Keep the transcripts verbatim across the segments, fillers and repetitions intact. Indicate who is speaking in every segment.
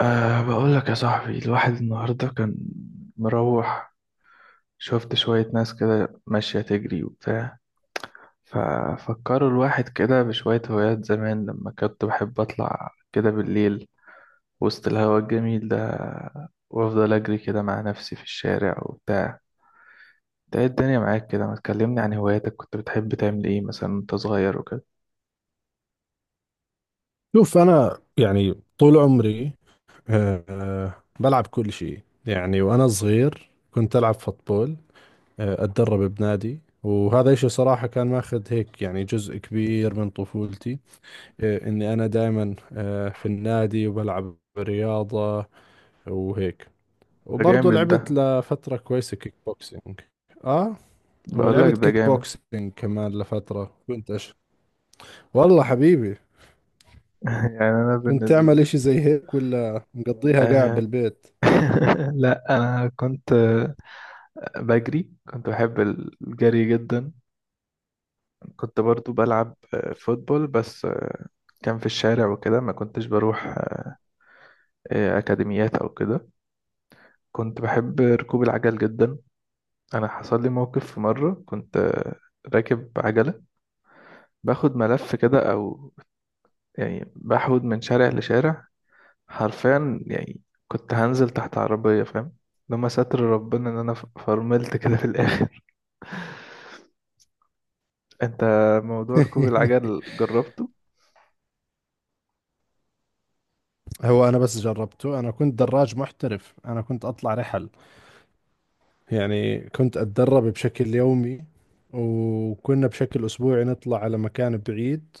Speaker 1: أه بقول لك يا صاحبي، الواحد النهاردة كان مروح. شفت شوية ناس كده ماشية تجري وبتاع. ففكروا الواحد كده بشوية هوايات زمان، لما كنت بحب أطلع كده بالليل وسط الهواء الجميل ده وأفضل أجري كده مع نفسي في الشارع وبتاع. ده إيه الدنيا معاك كده؟ ما تكلمني عن هواياتك، كنت بتحب تعمل إيه مثلا وأنت صغير وكده؟
Speaker 2: شوف. أنا يعني طول عمري آه، آه، بلعب كل شيء، يعني وأنا صغير كنت ألعب فوتبول. آه، أتدرب بنادي، وهذا إشي صراحة كان ماخذ هيك يعني جزء كبير من طفولتي. آه، إني أنا دائما في النادي وبلعب رياضة وهيك.
Speaker 1: ده
Speaker 2: وبرضه
Speaker 1: جامد ده.
Speaker 2: لعبت لفترة كويسة كيك بوكسينج. آه.
Speaker 1: بقول لك
Speaker 2: ولعبت
Speaker 1: ده
Speaker 2: كيك
Speaker 1: جامد.
Speaker 2: بوكسينج كمان لفترة، كنت أش... والله حبيبي
Speaker 1: يعني أنا
Speaker 2: كنت
Speaker 1: بالنسبة
Speaker 2: تعمل
Speaker 1: لي
Speaker 2: إشي زي هيك ولا مقضيها قاعد
Speaker 1: آه...
Speaker 2: بالبيت؟
Speaker 1: لا، أنا كنت بجري، كنت بحب الجري جدا. كنت برضو بلعب آه، فوتبول، بس آه، كان في الشارع وكده، ما كنتش بروح آه، أكاديميات أو كده. كنت بحب ركوب العجل جدا. أنا حصل لي موقف في مرة، كنت آه، راكب عجلة، باخد ملف كده، أو يعني بحود من شارع لشارع، حرفيا يعني كنت هنزل تحت عربية، فاهم؟ لما ستر ربنا إن أنا ف- فرملت كده في الآخر. أنت موضوع ركوب العجل جربته؟
Speaker 2: هو أنا بس جربته، أنا كنت دراج محترف، أنا كنت أطلع رحل. يعني كنت أتدرب بشكل يومي، وكنا بشكل أسبوعي نطلع على مكان بعيد،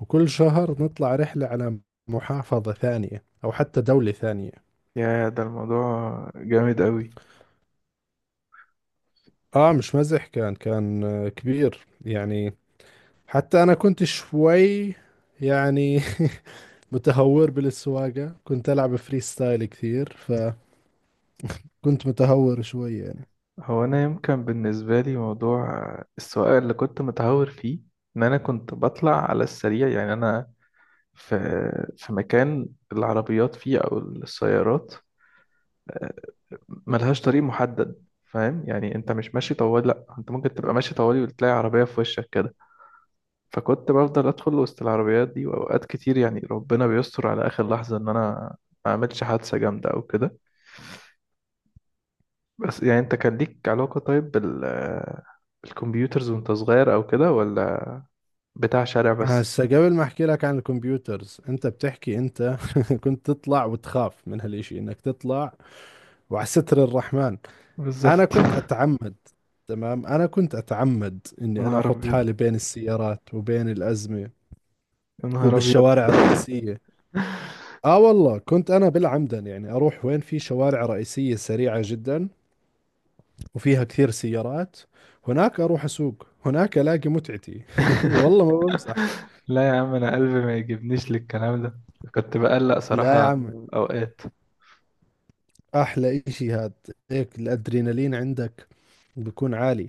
Speaker 2: وكل شهر نطلع رحلة على محافظة ثانية أو حتى دولة ثانية.
Speaker 1: يا ده الموضوع جامد قوي.
Speaker 2: آه مش مزح، كان كان آه، كبير يعني. حتى أنا كنت شوي يعني متهور بالسواقة، كنت ألعب فري ستايل كثير، فكنت متهور شوي يعني.
Speaker 1: هو انا يمكن بالنسبه لي موضوع السواقه اللي كنت متهور فيه ان انا كنت بطلع على السريع. يعني انا في في مكان العربيات فيه او السيارات، آه، ملهاش طريق محدد، فاهم؟ يعني انت مش ماشي طوالي، لا، انت ممكن تبقى ماشي طوالي وتلاقي عربية في وشك كده. فكنت بفضل ادخل وسط العربيات دي، واوقات كتير يعني ربنا بيستر على اخر لحظة ان انا ما اعملش حادثة جامدة او كده. بس يعني، انت كان ليك علاقة طيب بال بالكمبيوترز وانت صغير او كده، ولا بتاع شارع بس؟
Speaker 2: هسه قبل ما احكي لك عن الكمبيوترز، انت بتحكي انت كنت تطلع وتخاف من هالاشي، انك تطلع وعلى ستر الرحمن.
Speaker 1: بالظبط.
Speaker 2: انا كنت اتعمد، تمام، انا كنت اتعمد
Speaker 1: يا
Speaker 2: اني انا
Speaker 1: نهار
Speaker 2: احط
Speaker 1: ابيض،
Speaker 2: حالي بين السيارات وبين الازمة،
Speaker 1: يا نهار ابيض.
Speaker 2: وبالشوارع الرئيسية. اه والله كنت انا بالعمدا، يعني اروح وين؟ في شوارع رئيسية سريعة جدا وفيها كثير سيارات. هناك اروح اسوق، هناك الاقي متعتي. والله ما بمزح.
Speaker 1: لا يا عم، انا قلبي ما يجيبنيش للكلام ده. كنت بقلق
Speaker 2: لا يا
Speaker 1: صراحة
Speaker 2: عم،
Speaker 1: اوقات.
Speaker 2: احلى اشي هاد. هيك الادرينالين عندك بيكون عالي.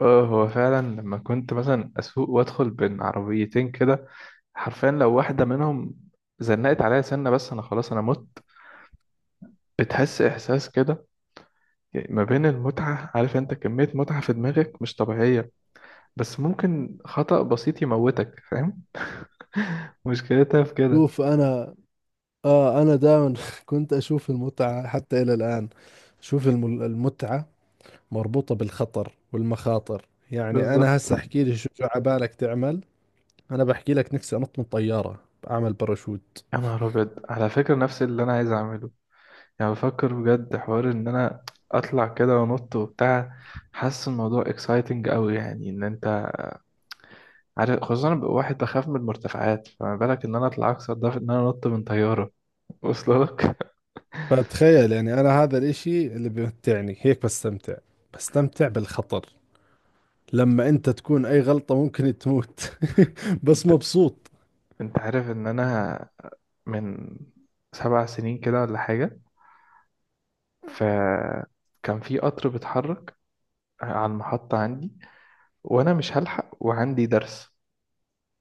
Speaker 1: اه، هو فعلا لما كنت مثلا اسوق وادخل بين عربيتين كده، حرفيا لو واحدة منهم زنقت عليا سنة بس، انا خلاص انا مت. بتحس احساس كده، يعني ما بين المتعة، عارف انت كمية متعة في دماغك مش طبيعية، بس ممكن خطأ بسيط يموتك، فاهم؟ مشكلتها في كده.
Speaker 2: شوف انا، اه انا دائما كنت اشوف المتعة حتى الى الان. شوف الم- المتعة مربوطة بالخطر والمخاطر. يعني انا
Speaker 1: بالظبط.
Speaker 2: هسه احكي لي، شو شو عبالك تعمل؟ انا بحكي لك نفسي انط من طيارة، اعمل باراشوت.
Speaker 1: يا نهار ابيض، على فكرة نفس اللي انا عايز اعمله، يعني بفكر بجد حوار ان انا اطلع كده وانط وبتاع. حاسس الموضوع اكسايتنج قوي، يعني ان انت عارف، خصوصا انا ببقى واحد بخاف من المرتفعات، فما بالك ان انا اطلع اكسر ده في ان انا انط من طيارة. واصل لك.
Speaker 2: فتخيل يعني، انا هذا الاشي اللي بمتعني، هيك بستمتع، بستمتع بالخطر. لما انت تكون اي غلطة ممكن تموت بس
Speaker 1: انت
Speaker 2: مبسوط.
Speaker 1: انت عارف ان انا من سبع سنين كده ولا حاجة، فكان في قطر بيتحرك على المحطة عندي وأنا مش هلحق وعندي درس،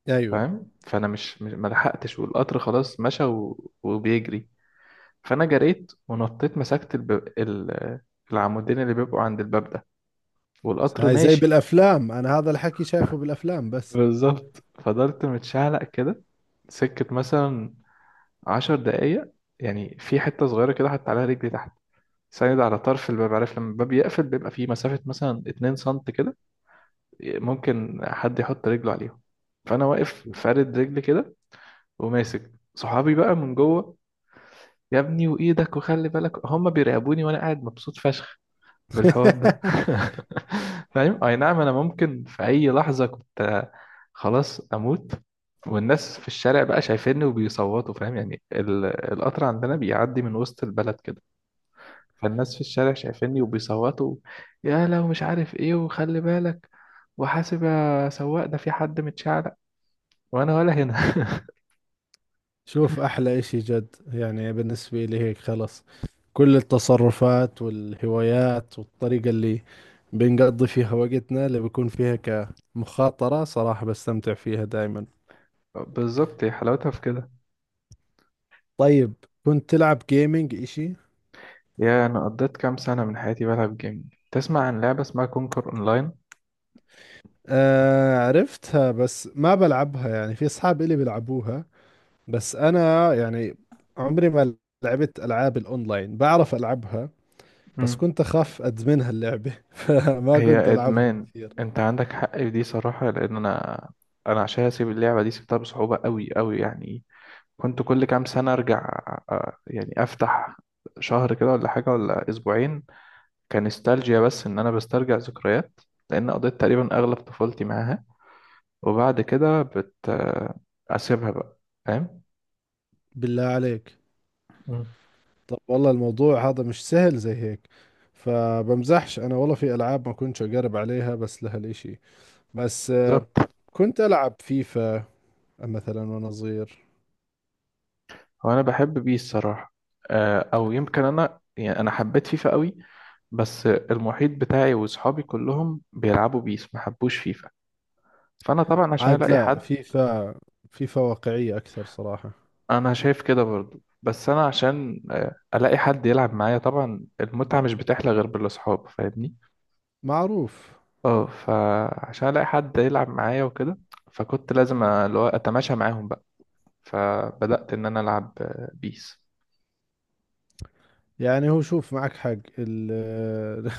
Speaker 2: ايوه.
Speaker 1: فاهم؟ فأنا مش مش- ما لحقتش، والقطر خلاص مشى و... وبيجري. فأنا جريت ونطيت، مسكت الب... ال... العمودين اللي بيبقوا عند الباب ده
Speaker 2: بس
Speaker 1: والقطر
Speaker 2: هاي زي
Speaker 1: ماشي.
Speaker 2: بالافلام، انا هذا الحكي شايفه بالافلام بس.
Speaker 1: بالظبط. فضلت متشعلق كده سكة مثلا عشر دقايق. يعني في حتة صغيرة كده حط عليها رجلي تحت، ساند على طرف الباب. عارف لما الباب يقفل بيبقى فيه مسافة مثلا اتنين سنت كده، ممكن حد يحط رجله عليهم. فانا واقف فارد رجلي كده، وماسك صحابي بقى من جوه. يا ابني وايدك وخلي بالك. هم بيراقبوني وانا قاعد مبسوط فشخ بالحوار ده. فاهم؟ اي نعم، انا ممكن في اي لحظه كنت خلاص اموت. والناس في الشارع بقى شايفيني وبيصوتوا. فاهم يعني، ال- القطر عندنا بيعدي من وسط البلد كده، فالناس في الشارع شايفيني وبيصوتوا يا لو مش عارف ايه، وخلي بالك وحاسب يا سواق، ده في حد متشعلق، وانا ولا هنا.
Speaker 2: شوف احلى اشي جد، يعني بالنسبة لي هيك خلص، كل التصرفات والهوايات والطريقة اللي بنقضي فيها وقتنا، اللي بيكون فيها كمخاطرة، صراحة بستمتع فيها دائما.
Speaker 1: بالظبط، هي حلاوتها في كده.
Speaker 2: طيب، كنت تلعب جيمنج اشي؟
Speaker 1: يا انا قضيت كام سنة من حياتي بلعب جيم. تسمع عن لعبة اسمها كونكر اونلاين؟
Speaker 2: آه عرفتها بس ما بلعبها، يعني في اصحاب الي بيلعبوها، بس انا يعني عمري ما لعبت العاب الاونلاين، بعرف العبها بس
Speaker 1: امم
Speaker 2: كنت أخاف أدمنها اللعبة، فما كنت
Speaker 1: هي
Speaker 2: ألعبهم
Speaker 1: ادمان،
Speaker 2: كثير.
Speaker 1: انت عندك حق في دي صراحة، لان انا، انا عشان اسيب اللعبة دي سبتها بصعوبة قوي قوي يعني. كنت كل كام سنة ارجع، آه، يعني افتح شهر كده ولا حاجة ولا اسبوعين، كنستالجيا، بس ان انا بسترجع ذكريات لان قضيت تقريبا اغلب طفولتي معاها. وبعد كده بت اسيبها بقى، فاهم؟
Speaker 2: بالله عليك؟
Speaker 1: مم.
Speaker 2: طب والله الموضوع هذا مش سهل زي هيك، فبمزحش أنا والله، في ألعاب ما كنتش أقرب عليها بس لهالإشي. بس آه،
Speaker 1: بالظبط.
Speaker 2: كنت ألعب فيفا مثلا وأنا صغير.
Speaker 1: هو انا بحب بيه الصراحه. آه، او يمكن انا، يعني انا حبيت فيفا قوي، بس المحيط بتاعي واصحابي كلهم بيلعبوا بيس، ما حبوش فيفا. فانا طبعا عشان
Speaker 2: عاد
Speaker 1: الاقي
Speaker 2: لا،
Speaker 1: حد.
Speaker 2: فيفا، فيفا واقعية أكثر صراحة.
Speaker 1: انا شايف كده برضو، بس انا عشان آه، الاقي حد يلعب معايا، طبعا المتعه مش بتحلى غير بالاصحاب، فاهمني؟
Speaker 2: معروف.
Speaker 1: اه، فعشان الاقي حد يلعب معايا وكده، فكنت لازم اللي هو اتماشى معاهم بقى. فبدأت ان انا العب آه، بيس.
Speaker 2: يعني هو شوف، معك حق ال...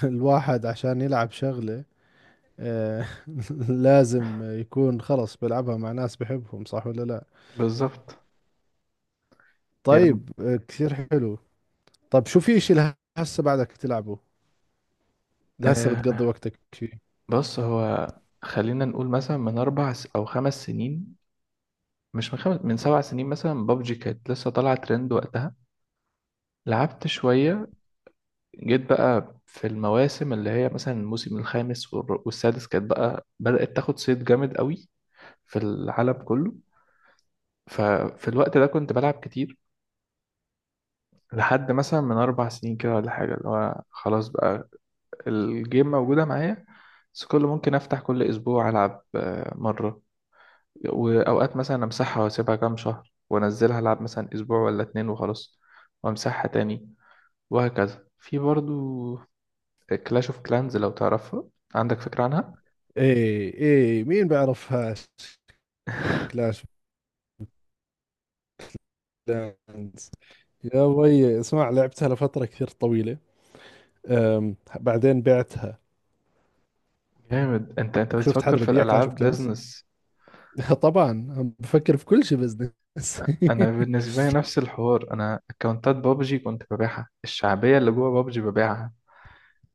Speaker 2: الواحد عشان يلعب شغلة آه، لازم يكون خلص بلعبها مع ناس بحبهم، صح ولا لا؟
Speaker 1: بالظبط. هي
Speaker 2: طيب، آه، كثير حلو. طب شو، في اشي لهسه بعدك تلعبه؟ لهسه
Speaker 1: آه،
Speaker 2: بتقضي وقتك فيه؟
Speaker 1: بص هو، خلينا نقول مثلا من اربع س- او خمس سنين، مش من خمس، من سبع سنين مثلا. بابجي كانت لسه طالعه ترند وقتها، لعبت شويه. جيت بقى في المواسم اللي هي مثلا الموسم الخامس والر- والسادس، كانت بقى بدأت تاخد صيت جامد قوي في العالم كله. ففي الوقت ده كنت بلعب كتير لحد مثلا من أربع سنين كده ولا حاجة. اللي هو خلاص بقى، الجيم موجودة معايا، بس كل ممكن أفتح كل أسبوع ألعب آه، مرة. وأوقات مثلا أمسحها وأسيبها كام شهر، وأنزلها ألعب مثلا أسبوع ولا اتنين وخلاص، وأمسحها تاني، وهكذا. في برضو كلاش اوف كلانز، لو تعرفها، عندك فكرة عنها؟
Speaker 2: ايه ايه مين بعرفهاش، كلاش بلاندز. يا وي اسمع، لعبتها لفترة كثير طويلة، أم بعدين بعتها.
Speaker 1: جامد. انت انت
Speaker 2: شفت
Speaker 1: بتفكر
Speaker 2: حدا
Speaker 1: في
Speaker 2: ببيع كلاش اوف
Speaker 1: الألعاب
Speaker 2: كلانس؟
Speaker 1: بيزنس.
Speaker 2: طبعا، عم بفكر في كل شيء بزنس.
Speaker 1: أنا بالنسبة لي نفس الحوار، أنا أكونتات بابجي كنت ببيعها، الشعبية اللي جوه بابجي ببيعها.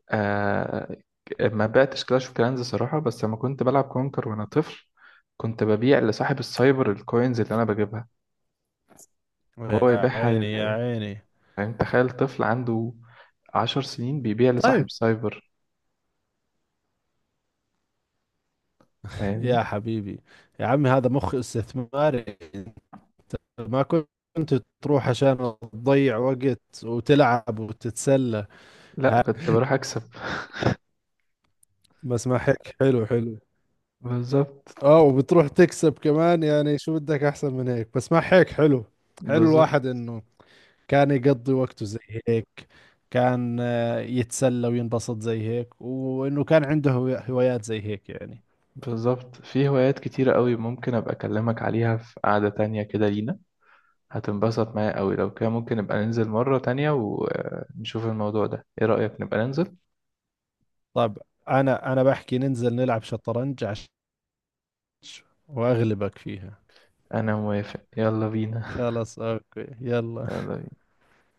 Speaker 1: آه. ما بقتش كلاش اوف كلانز صراحة، بس لما كنت بلعب كونكر وانا طفل، كنت ببيع لصاحب السايبر الكوينز اللي انا بجيبها، وهو
Speaker 2: يا
Speaker 1: يبيعها
Speaker 2: عيني يا
Speaker 1: لل...
Speaker 2: عيني.
Speaker 1: فاهم؟ تخيل طفل عنده عشر سنين بيبيع
Speaker 2: طيب،
Speaker 1: لصاحب سايبر، فاهمني؟
Speaker 2: يا حبيبي، يا عمي هذا مخ استثماري. أنت ما كنت تروح عشان تضيع وقت وتلعب وتتسلى.
Speaker 1: لا،
Speaker 2: ها؟
Speaker 1: كنت بروح اكسب.
Speaker 2: بس ما هيك حلو، حلو.
Speaker 1: بالظبط.
Speaker 2: اه، وبتروح تكسب كمان، يعني شو بدك احسن من هيك؟ بس ما هيك حلو. حلو
Speaker 1: بالظبط.
Speaker 2: الواحد انه كان يقضي وقته زي هيك، كان آه، يتسلى وينبسط زي هيك، وانه كان عنده هو- هوايات زي هيك يعني.
Speaker 1: بالظبط. في هوايات كتيرة قوي ممكن ابقى اكلمك عليها في قعدة تانية كده لينا، هتنبسط معايا قوي لو كده. ممكن نبقى ننزل مرة تانية ونشوف الموضوع ده، ايه رأيك نبقى ننزل؟
Speaker 2: طب، انا انا بحكي ننزل نلعب شطرنج عش، واغلبك فيها.
Speaker 1: انا موافق، يلا بينا.
Speaker 2: خلاص، اوكي، يلا.
Speaker 1: يلا.